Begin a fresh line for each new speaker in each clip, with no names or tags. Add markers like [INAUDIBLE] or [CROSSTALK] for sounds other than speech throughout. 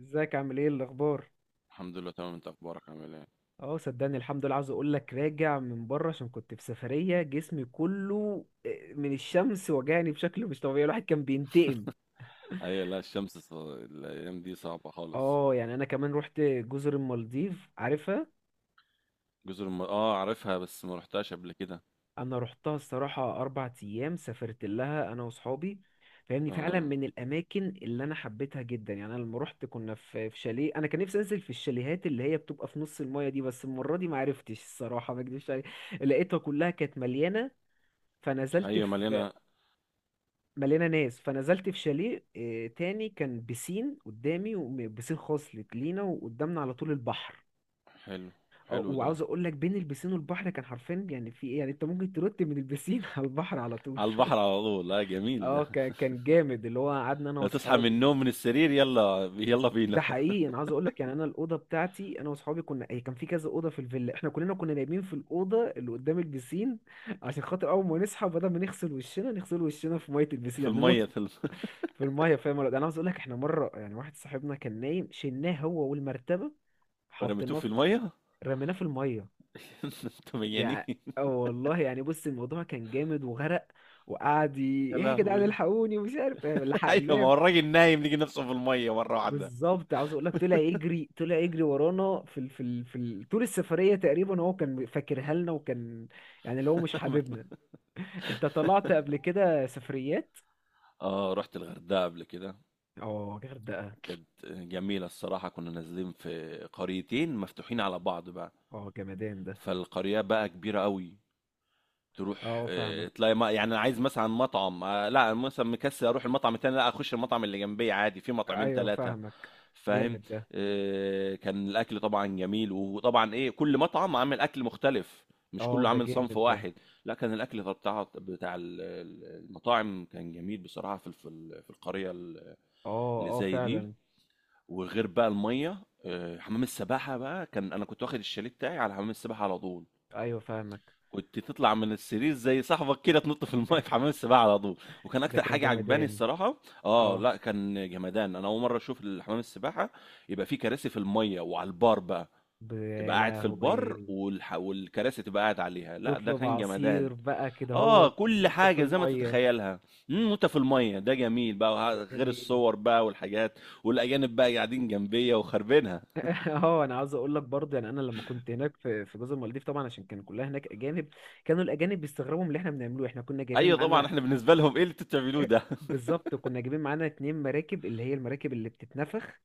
ازيك عامل ايه الاخبار؟
الحمد لله تمام، انت اخبارك عامل ايه؟
اه، صدقني الحمد لله. عاوز اقول لك راجع من بره عشان كنت في سفريه. جسمي كله من الشمس وجعني بشكل مش طبيعي، الواحد كان بينتقم.
اي، لا الشمس الايام دي صعبة خالص.
اه، يعني انا كمان رحت جزر المالديف، عارفها؟
اه عارفها، بس ما رحتهاش قبل كده.
انا رحتها الصراحه، 4 ايام سافرت لها انا واصحابي. فاهمني، فعلا
اه.
من الاماكن اللي انا حبيتها جدا. يعني انا لما رحت كنا في شاليه. انا كان نفسي انزل في الشاليهات اللي هي بتبقى في نص المايه دي، بس المره دي ما عرفتش الصراحه، ما اكدبش عليك. لقيتها كلها كانت مليانه. فنزلت
ايوه
في...
مليانة.
مليانه ناس، فنزلت في شاليه تاني. كان بسين قدامي وبسين خاص لينا، وقدامنا على طول البحر.
حلو. حلو ده.
وعاوز اقول لك بين البسين والبحر كان حرفيا. يعني في ايه، يعني انت ممكن ترد من البسين [LAUGHS] على البحر على طول
على البحر
[LAUGHS]
على طول، لا جميل
اه،
ده.
كان جامد، اللي هو قعدنا انا
لا تصحى من
واصحابي.
النوم من السرير، يلا يلا بينا.
ده
[LAUGHS]
حقيقي. انا عاوز اقول لك، يعني انا الاوضه بتاعتي انا واصحابي كنا، هي كان في كذا اوضه في الفيلا، احنا كلنا كنا نايمين في الاوضه اللي قدام البسين. عشان خاطر اول ما نصحى، بدل ما نغسل وشنا نغسل وشنا في ميه البسين،
في
يعني ننط.
المية في الم...
في الميه، فاهم ولا لأ؟ انا عاوز اقول لك، احنا مره يعني واحد صاحبنا كان نايم، شلناه هو والمرتبه.
رميتوه
حطيناه
في
في...
المية.
رميناه في الميه.
[LAUGHS] انتوا مجانين.
يعني. اه والله، يعني بص الموضوع كان جامد. وغرق. وقعد ي-...
يا
ايه يا جدعان،
لهوي.
الحقوني ومش عارف إيه،
[LAUGHS] ايوه، ما
لحقناه.
هو الراجل نايم لقي نفسه في المية مرة واحدة.
بالظبط، عاوز اقول لك طلع يجري، طلع يجري ورانا في ال... طول السفريه تقريبا هو كان فاكرها لنا، وكان... يعني اللي هو مش حاببنا.
[LAUGHS]
انت طلعت قبل كده سفريات؟
اه، رحت الغردقة قبل كده.
اه، غردقه.
كانت جميلة الصراحة، كنا نازلين في قريتين مفتوحين على بعض بقى.
اه، جمدان ده.
فالقرية بقى كبيرة قوي. تروح
اه، فاهمك.
تلاقي ما يعني أنا عايز مثلا مطعم، لا مثلا مكسل اروح المطعم التاني، لا اخش المطعم اللي جنبي عادي، في مطعمين
ايوه،
ثلاثة
فاهمك.
فاهم.
جامد ده.
كان الاكل طبعا جميل، وطبعا ايه، كل مطعم عامل اكل مختلف. مش
اه،
كله
ده
عامل صنف
جامد ده.
واحد. لا كان الاكل بتاع المطاعم كان جميل بصراحة، في في القرية
اه،
اللي
اه،
زي دي.
فعلا.
وغير بقى الميه، حمام السباحه بقى، كان انا كنت واخد الشاليه بتاعي على حمام السباحه على طول.
ايوه، فاهمك.
كنت تطلع من السرير زي صاحبك كده، تنط في الميه في
[LAUGHS]
حمام السباحه على طول. وكان
ده
اكتر
كان
حاجه عجباني
جمدان.
الصراحه. اه
اه،
لا كان جمدان، انا اول مره اشوف الحمام السباحه يبقى فيه كراسي في الميه، وعلى البار بقى، تبقى
يا
قاعد في البار
لهوي.
والكراسي تبقى قاعد عليها، لا ده
تطلب
كان جمدان.
عصير بقى كده
اه
هو.
كل
وانت في
حاجه زي ما
الميه.
تتخيلها. امم، وانت في الميه، ده جميل بقى،
ده
غير
جميل.
الصور بقى والحاجات، والاجانب بقى قاعدين جنبيه وخربينها.
اه، انا عاوز اقول لك برضه، يعني انا لما كنت هناك في جزر المالديف، طبعا عشان كان كلها هناك اجانب. كانوا الاجانب بيستغربوا من اللي احنا بنعمله، احنا كنا جايبين
أيوه طبعًا،
معانا...
إحنا بالنسبة لهم إيه اللي أنتم بتعملوه
[LAUGHS]
ده؟ [LAUGHS]
بالظبط، كنا جايبين معانا اتنين مراكب، اللي هي المراكب اللي بتتنفخ.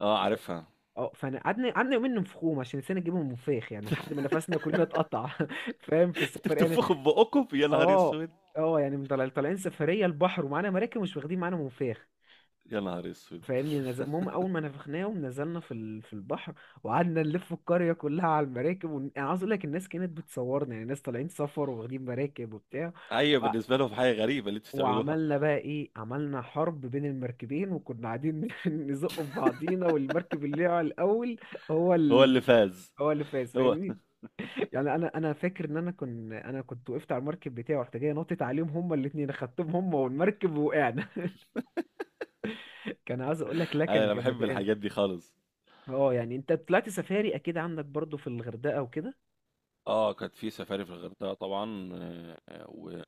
آه عارفها.
اه، فانا قعدنا يومين ننفخوهم، عشان نسينا نجيبهم مفاخ، يعني لحد ما نفسنا كلنا اتقطع [LAUGHS] فاهم في
أنتم
السفر يعني.
بتنفخوا في بُقُّكم؟ يا نهار
اه،
أسود!
اه، يعني من طالعين سفريه البحر، ومعانا مراكب مش واخدين معانا منفاخ.
يا نهار أسود!
فاهمني، المهم اول ما نفخناه ونزلنا في البحر. وقعدنا نلف القريه كلها على المراكب انا عاوز اقول لك الناس كانت بتصورنا، يعني ناس طالعين سفر واخدين مراكب وبتاع.
أيوه،
و...
بالنسبة لهم حاجة غريبة اللي أنتم بتعملوها.
وعملنا بقى ايه، عملنا حرب بين المركبين، وكنا قاعدين [LAUGHS] نزق في بعضينا، والمركب اللي على الاول... هو
هو
ال...
اللي فاز.
هو اللي فاز،
هو.
فاهمني. [LAUGHS] يعني انا فاكر ان انا كنت وقفت على المركب بتاعي، ورحت جاي نطت عليهم هما الاثنين، اخدتهم هما والمركب، وقعنا. [LAUGHS] كان عايز اقول لك، لا كان
أنا باحب
جمدان.
الحاجات دي خالص.
اه، يعني انت طلعت سفاري اكيد عندك برضو في الغردقة وكده.
آه، كانت في سفاري في الغردقة طبعًا. و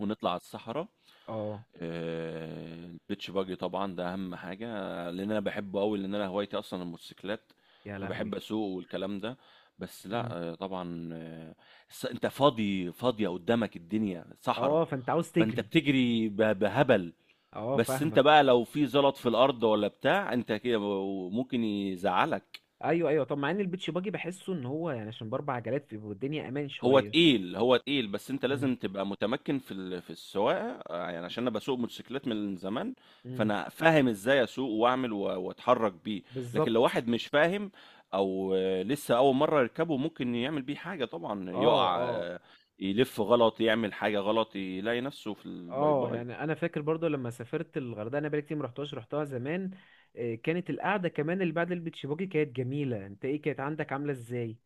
ونطلع على الصحرا.
اه،
آه، البيتش باجي طبعا ده اهم حاجه، لان انا بحبه قوي، لان انا هوايتي اصلا الموتوسيكلات.
يا
فبحب
لهوي.
اسوق والكلام ده. بس لا
مم.
انت فاضي، فاضيه قدامك الدنيا صحراء.
اه، فانت عاوز
فانت
تجري.
بتجري بهبل.
اه،
بس انت
فاهمك.
بقى لو في زلط في الارض ولا بتاع انت كده، ممكن يزعلك.
ايوه، ايوه، طب مع ان البيتش باجي بحسه ان هو يعني عشان باربع عجلات بيبقى الدنيا امان
هو
شوية.
تقيل، هو تقيل، بس انت
مم.
لازم تبقى متمكن في في السواقه، يعني عشان انا بسوق موتوسيكلات من زمان.
مم.
فانا فاهم ازاي اسوق واعمل واتحرك بيه. لكن لو
بالظبط.
واحد مش فاهم، او لسه اول مره يركبه، ممكن يعمل بيه حاجه طبعا،
اه،
يقع،
اه،
يلف غلط، يعمل حاجه غلط، يلاقي نفسه في الباي
اه،
باي.
يعني انا فاكر برضو لما سافرت الغردقة، انا بقالي كتير ما رحتهاش، رحتها زمان. كانت القعدة كمان اللي بعد البيتش باجي كانت جميلة. انت ايه كانت عندك عاملة ازاي؟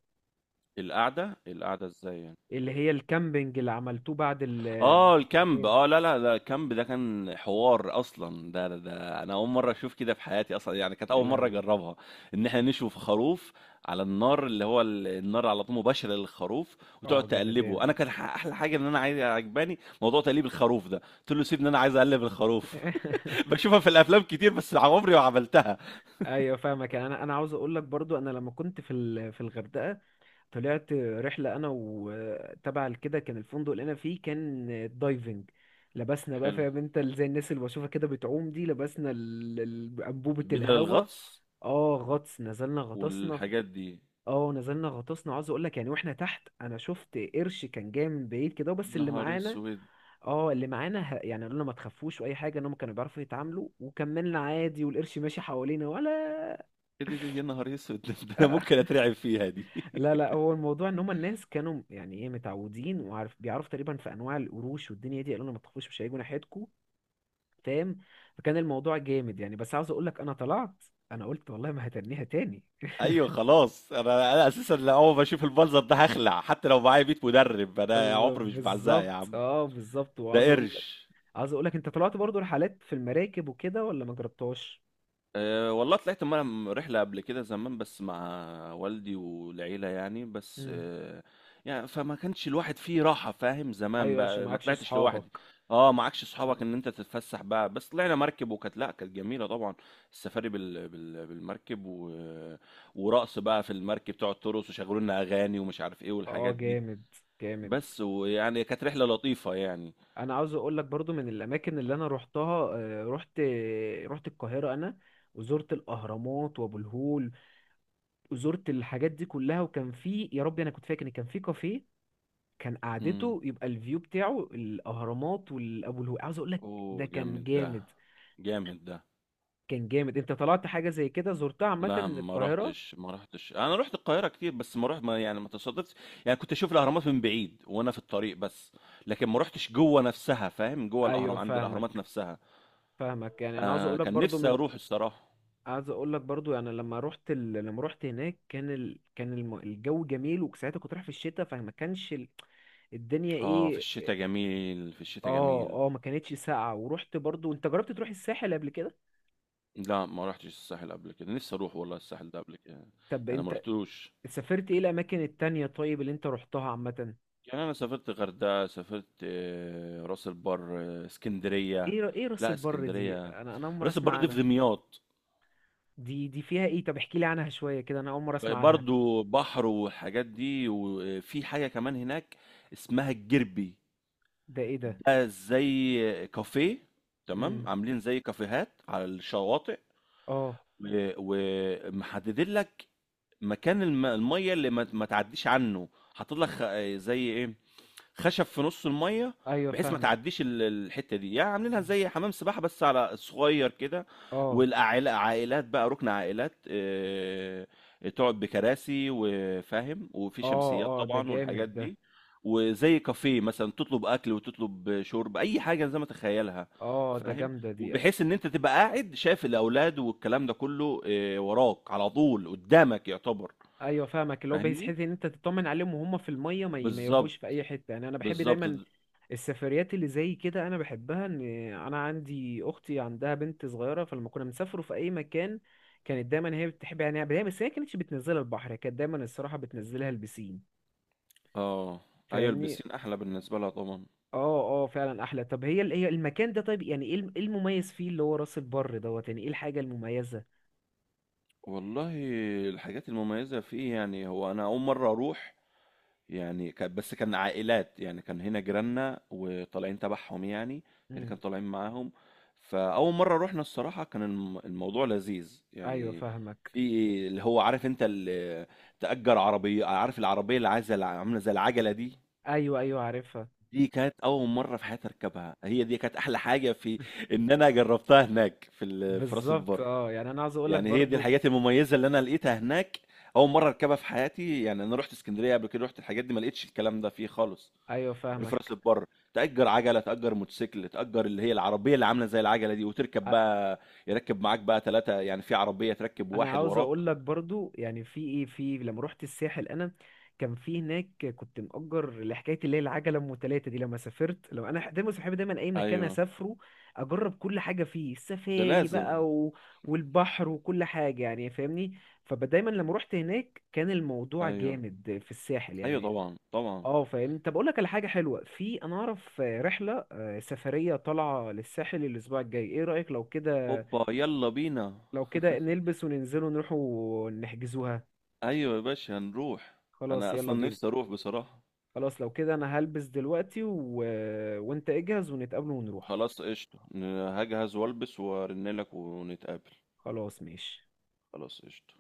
القعده ازاي يعني؟
اللي هي الكامبينج اللي عملتوه بعد ال... [LAUGHS]
اه
في
الكامب،
السفاري.
اه لا لا، ده الكامب ده كان حوار اصلا، ده انا اول مره اشوف كده في حياتي اصلا، يعني كانت
يا
اول مره
لهوي.
اجربها. ان احنا نشوي خروف على النار، اللي هو النار على طول مباشره للخروف، وتقعد
اه،
تقلبه. انا
جمدان.
كان احلى حاجه ان انا عايز، عجباني موضوع تقليب الخروف ده، قلت له سيبني انا عايز اقلب الخروف. [LAUGHS]
[LAUGHS]
بشوفها في الافلام كتير بس عمري ما عملتها.
ايوه، فاهمك. يعني انا عاوز اقول لك برضو، انا لما كنت في الغردقه... طلعت رحله انا وتبع كده. كان الفندق اللي انا فيه كان... دايفنج. لبسنا بقى،
حلو.
فاهم انت زي الناس اللي بشوفها كده بتعوم دي. لبسنا انبوبه
بدل
الهوا.
الغطس.
اه، غطس. نزلنا غطسنا
والحاجات دي.
اه، نزلنا غطسنا. عاوز اقول لك، يعني واحنا تحت انا شفت قرش كان جاي من بعيد كده، بس اللي
نهار
معانا...
اسود.
اه، اللي معانا يعني قالوا لنا ما تخافوش، واي حاجه انهم كانوا بيعرفوا يتعاملوا، وكملنا عادي والقرش ماشي حوالينا ولا...
ايه ده يا نهار اسود، [LAUGHS] ده انا ممكن
[LAUGHS]
اترعب فيها دي.
لا، لا،
[LAUGHS]
هو الموضوع ان هم الناس كانوا يعني ايه متعودين وعارف، بيعرفوا تقريبا في انواع القروش والدنيا دي، قالوا لنا ما تخافوش مش هيجوا ناحيتكم. فاهم. فكان الموضوع جامد يعني. بس عاوز اقول لك انا طلعت... انا قلت والله ما هتنيها تاني.
ايوه خلاص، انا اساسا لا، اول ما اشوف المنظر ده هخلع، حتى لو معايا 100 مدرب،
[LAUGHS]
انا عمري مش بعزقها يا
بالظبط،
عم.
اه، بالظبط. وعاوز
ده
اقول لك...
قرش.
عاوز اقول لك، انت طلعت برضو رحلات في المراكب وكده ولا ما جربتهاش؟
أه والله طلعت مرة رحلة قبل كده زمان، بس مع والدي والعيلة يعني، بس
امم.
أه يعني فما كانش الواحد فيه راحة، فاهم، زمان
ايوه، عشان
بقى ما
معكش
طلعتش لوحدي.
اصحابك.
اه معكش صحابك ان انت تتفسح بقى. بس طلعنا مركب وكانت، لا كانت جميلة طبعا، السفاري بالمركب، ورقص بقى في المركب، تقعد ترقص وشغلوا لنا اغاني ومش عارف ايه
اه،
والحاجات دي.
جامد. جامد.
بس ويعني كانت رحلة لطيفة يعني.
انا عاوز اقول لك برضو، من الاماكن اللي انا روحتها روحت... روحت القاهره انا. وزرت الاهرامات وابو الهول. وزرت الحاجات دي كلها. وكان في، يا ربي، انا كنت فاكر ان كان في كافيه. كان
امم.
قعدته يبقى الفيو بتاعه الاهرامات والابو الهول، عاوز اقول لك.
اوه
ده كان
جامد ده.
جامد.
جامد ده.
كان جامد. انت طلعت حاجه زي كده زرتها عامه
لا،
من
ما
القاهره؟
رحتش ما رحتش انا رحت القاهرة كتير بس ما تصادفتش يعني، كنت اشوف الاهرامات من بعيد وانا في الطريق بس. لكن ما رحتش جوه نفسها، فاهم، جوه الاهرام
ايوه،
عند الاهرامات
فاهمك.
نفسها.
فاهمك. يعني انا عاوز
آه
اقول لك
كان
برضو
نفسي
من...
اروح الصراحة.
عايز اقول لك برضو يعني لما رحت هناك كان الجو جميل، وساعتها كنت رايح في الشتاء، فما كانش ال... الدنيا
اه في
ايه.
الشتاء جميل، في الشتاء
اه،
جميل.
اه، ما كانتش ساقعة. ورحت برضو، انت جربت تروح الساحل قبل كده؟
لا ما رحتش الساحل قبل كده، نفسي اروح والله الساحل ده قبل كده.
طب
انا ما
انت...
رحتوش.
سافرت ايه الاماكن التانية طيب اللي انت رحتها عامة؟
يعني انا سافرت غردقه، سافرت آه، راس البر، آه، اسكندريه.
ايه راس
لا
البر دي،
اسكندريه.
انا اول مرة
راس
اسمع
البر دي في
عنها.
دمياط.
دي فيها ايه؟ طب احكي لي عنها شوية كده، انا اول مرة اسمع عنها.
برضو بحر والحاجات دي، وفي حاجه كمان هناك اسمها الجربي.
ده ايه ده؟
ده زي كافيه، تمام،
امم.
عاملين زي كافيهات على الشواطئ.
اه.
و- ومحددين لك مكان الميه اللي ما تعديش عنه. حاطط لك زي ايه، خشب في نص الميه،
ايوه،
بحيث ما
فاهمك.
تعديش الحته دي، يعني عاملينها زي حمام سباحه بس على صغير كده.
اه،
والعائلات، عائلات بقى، ركن عائلات، آه، تقعد بكراسي وفاهم، وفي
اه،
شمسيات
اه، ده
طبعا
جامد
والحاجات
ده.
دي. وزي كافيه مثلا، تطلب اكل وتطلب شرب، اي حاجه زي ما تخيلها.
اه، ده
فاهم.
جامدة دي.
وبحيث ان انت تبقى قاعد شايف الاولاد والكلام ده كله، آه، وراك على طول قدامك يعتبر.
ايوه، فاهمك. اللي هو بحيث
فاهمني.
حيث ان انت تطمن عليهم وهم في الميه، ما
بالظبط،
يروحوش في اي حته، يعني انا بحب
بالظبط.
دايما... السفريات اللي زي كده انا بحبها، ان... انا عندي اختي عندها بنت صغيره، فلما كنا بنسافروا في اي مكان... كانت دايما هي بتحب، يعني دايما، بس هي كانتش بتنزلها البحر، هي كانت دايما الصراحه بتنزلها البسين.
اه. ايوه
فاهمني.
البسين احلى بالنسبه لها طبعا.
اه. اه، فعلا احلى. طب هي المكان ده طيب، يعني إيه المميز فيه، اللي هو راس البر دوت، يعني ايه الحاجه المميزه؟
والله الحاجات المميزه فيه، يعني هو انا اول مره اروح، يعني بس كان عائلات يعني، كان هنا جيراننا وطالعين تبعهم يعني، اللي
امم.
كانوا طالعين معاهم. فاول مره رحنا الصراحه كان الموضوع لذيذ
ايوه،
يعني.
فاهمك.
في اللي هو عارف، انت اللي تأجر عربيه، عارف العربيه اللي عايزه عامله زي العجله دي،
ايوه، ايوه، عارفها.
دي كانت اول مره في حياتي اركبها، هي دي كانت احلى حاجه، في ان انا جربتها هناك في في راس
بالظبط.
البر.
اه، يعني انا عاوز اقول لك
يعني هي دي
برضو...
الحاجات المميزة اللي أنا لقيتها هناك. أول مرة أركبها في حياتي. يعني أنا رحت اسكندرية قبل كده، رحت الحاجات دي ما لقيتش الكلام ده فيه خالص،
ايوه،
غير في راس
فاهمك.
البر. تأجر عجلة، تأجر موتوسيكل، تأجر اللي هي العربية اللي عاملة زي العجلة دي وتركب
أ-
بقى. يركب معاك بقى 3، يعني في عربية تركب
انا
واحد
عاوز
وراك.
اقول لك برضو، يعني في ايه في لما رحت الساحل، انا... كان في هناك كنت مأجر لحكايه اللي هي العجله ام تلاته دي. لما سافرت، لما انا دايما صاحبي دايما اي مكان
أيوه.
اسافره... اجرب كل حاجه فيه
ده
السفاري
لازم.
بقى و... والبحر وكل حاجه، يعني فاهمني. فدايما لما رحت هناك كان الموضوع
أيوه،
جامد في الساحل
أيوه
يعني.
طبعا طبعا.
اه، فاهمني. طب اقول لك على حاجه حلوه، في انا اعرف رحله سفريه طالعه للساحل الاسبوع الجاي، ايه رايك لو كده؟
أوبا يلا بينا.
لو كده نلبس وننزل ونروح. نحجزوها.
أيوه يا باشا هنروح.
خلاص
أنا
يلا
أصلا
بينا.
نفسي أروح بصراحة.
خلاص لو كده انا هلبس دلوقتي و... وانت اجهز ونتقابل ونروح.
خلاص قشطة، هجهز وألبس وأرنلك ونتقابل.
خلاص ماشي.
خلاص قشطة.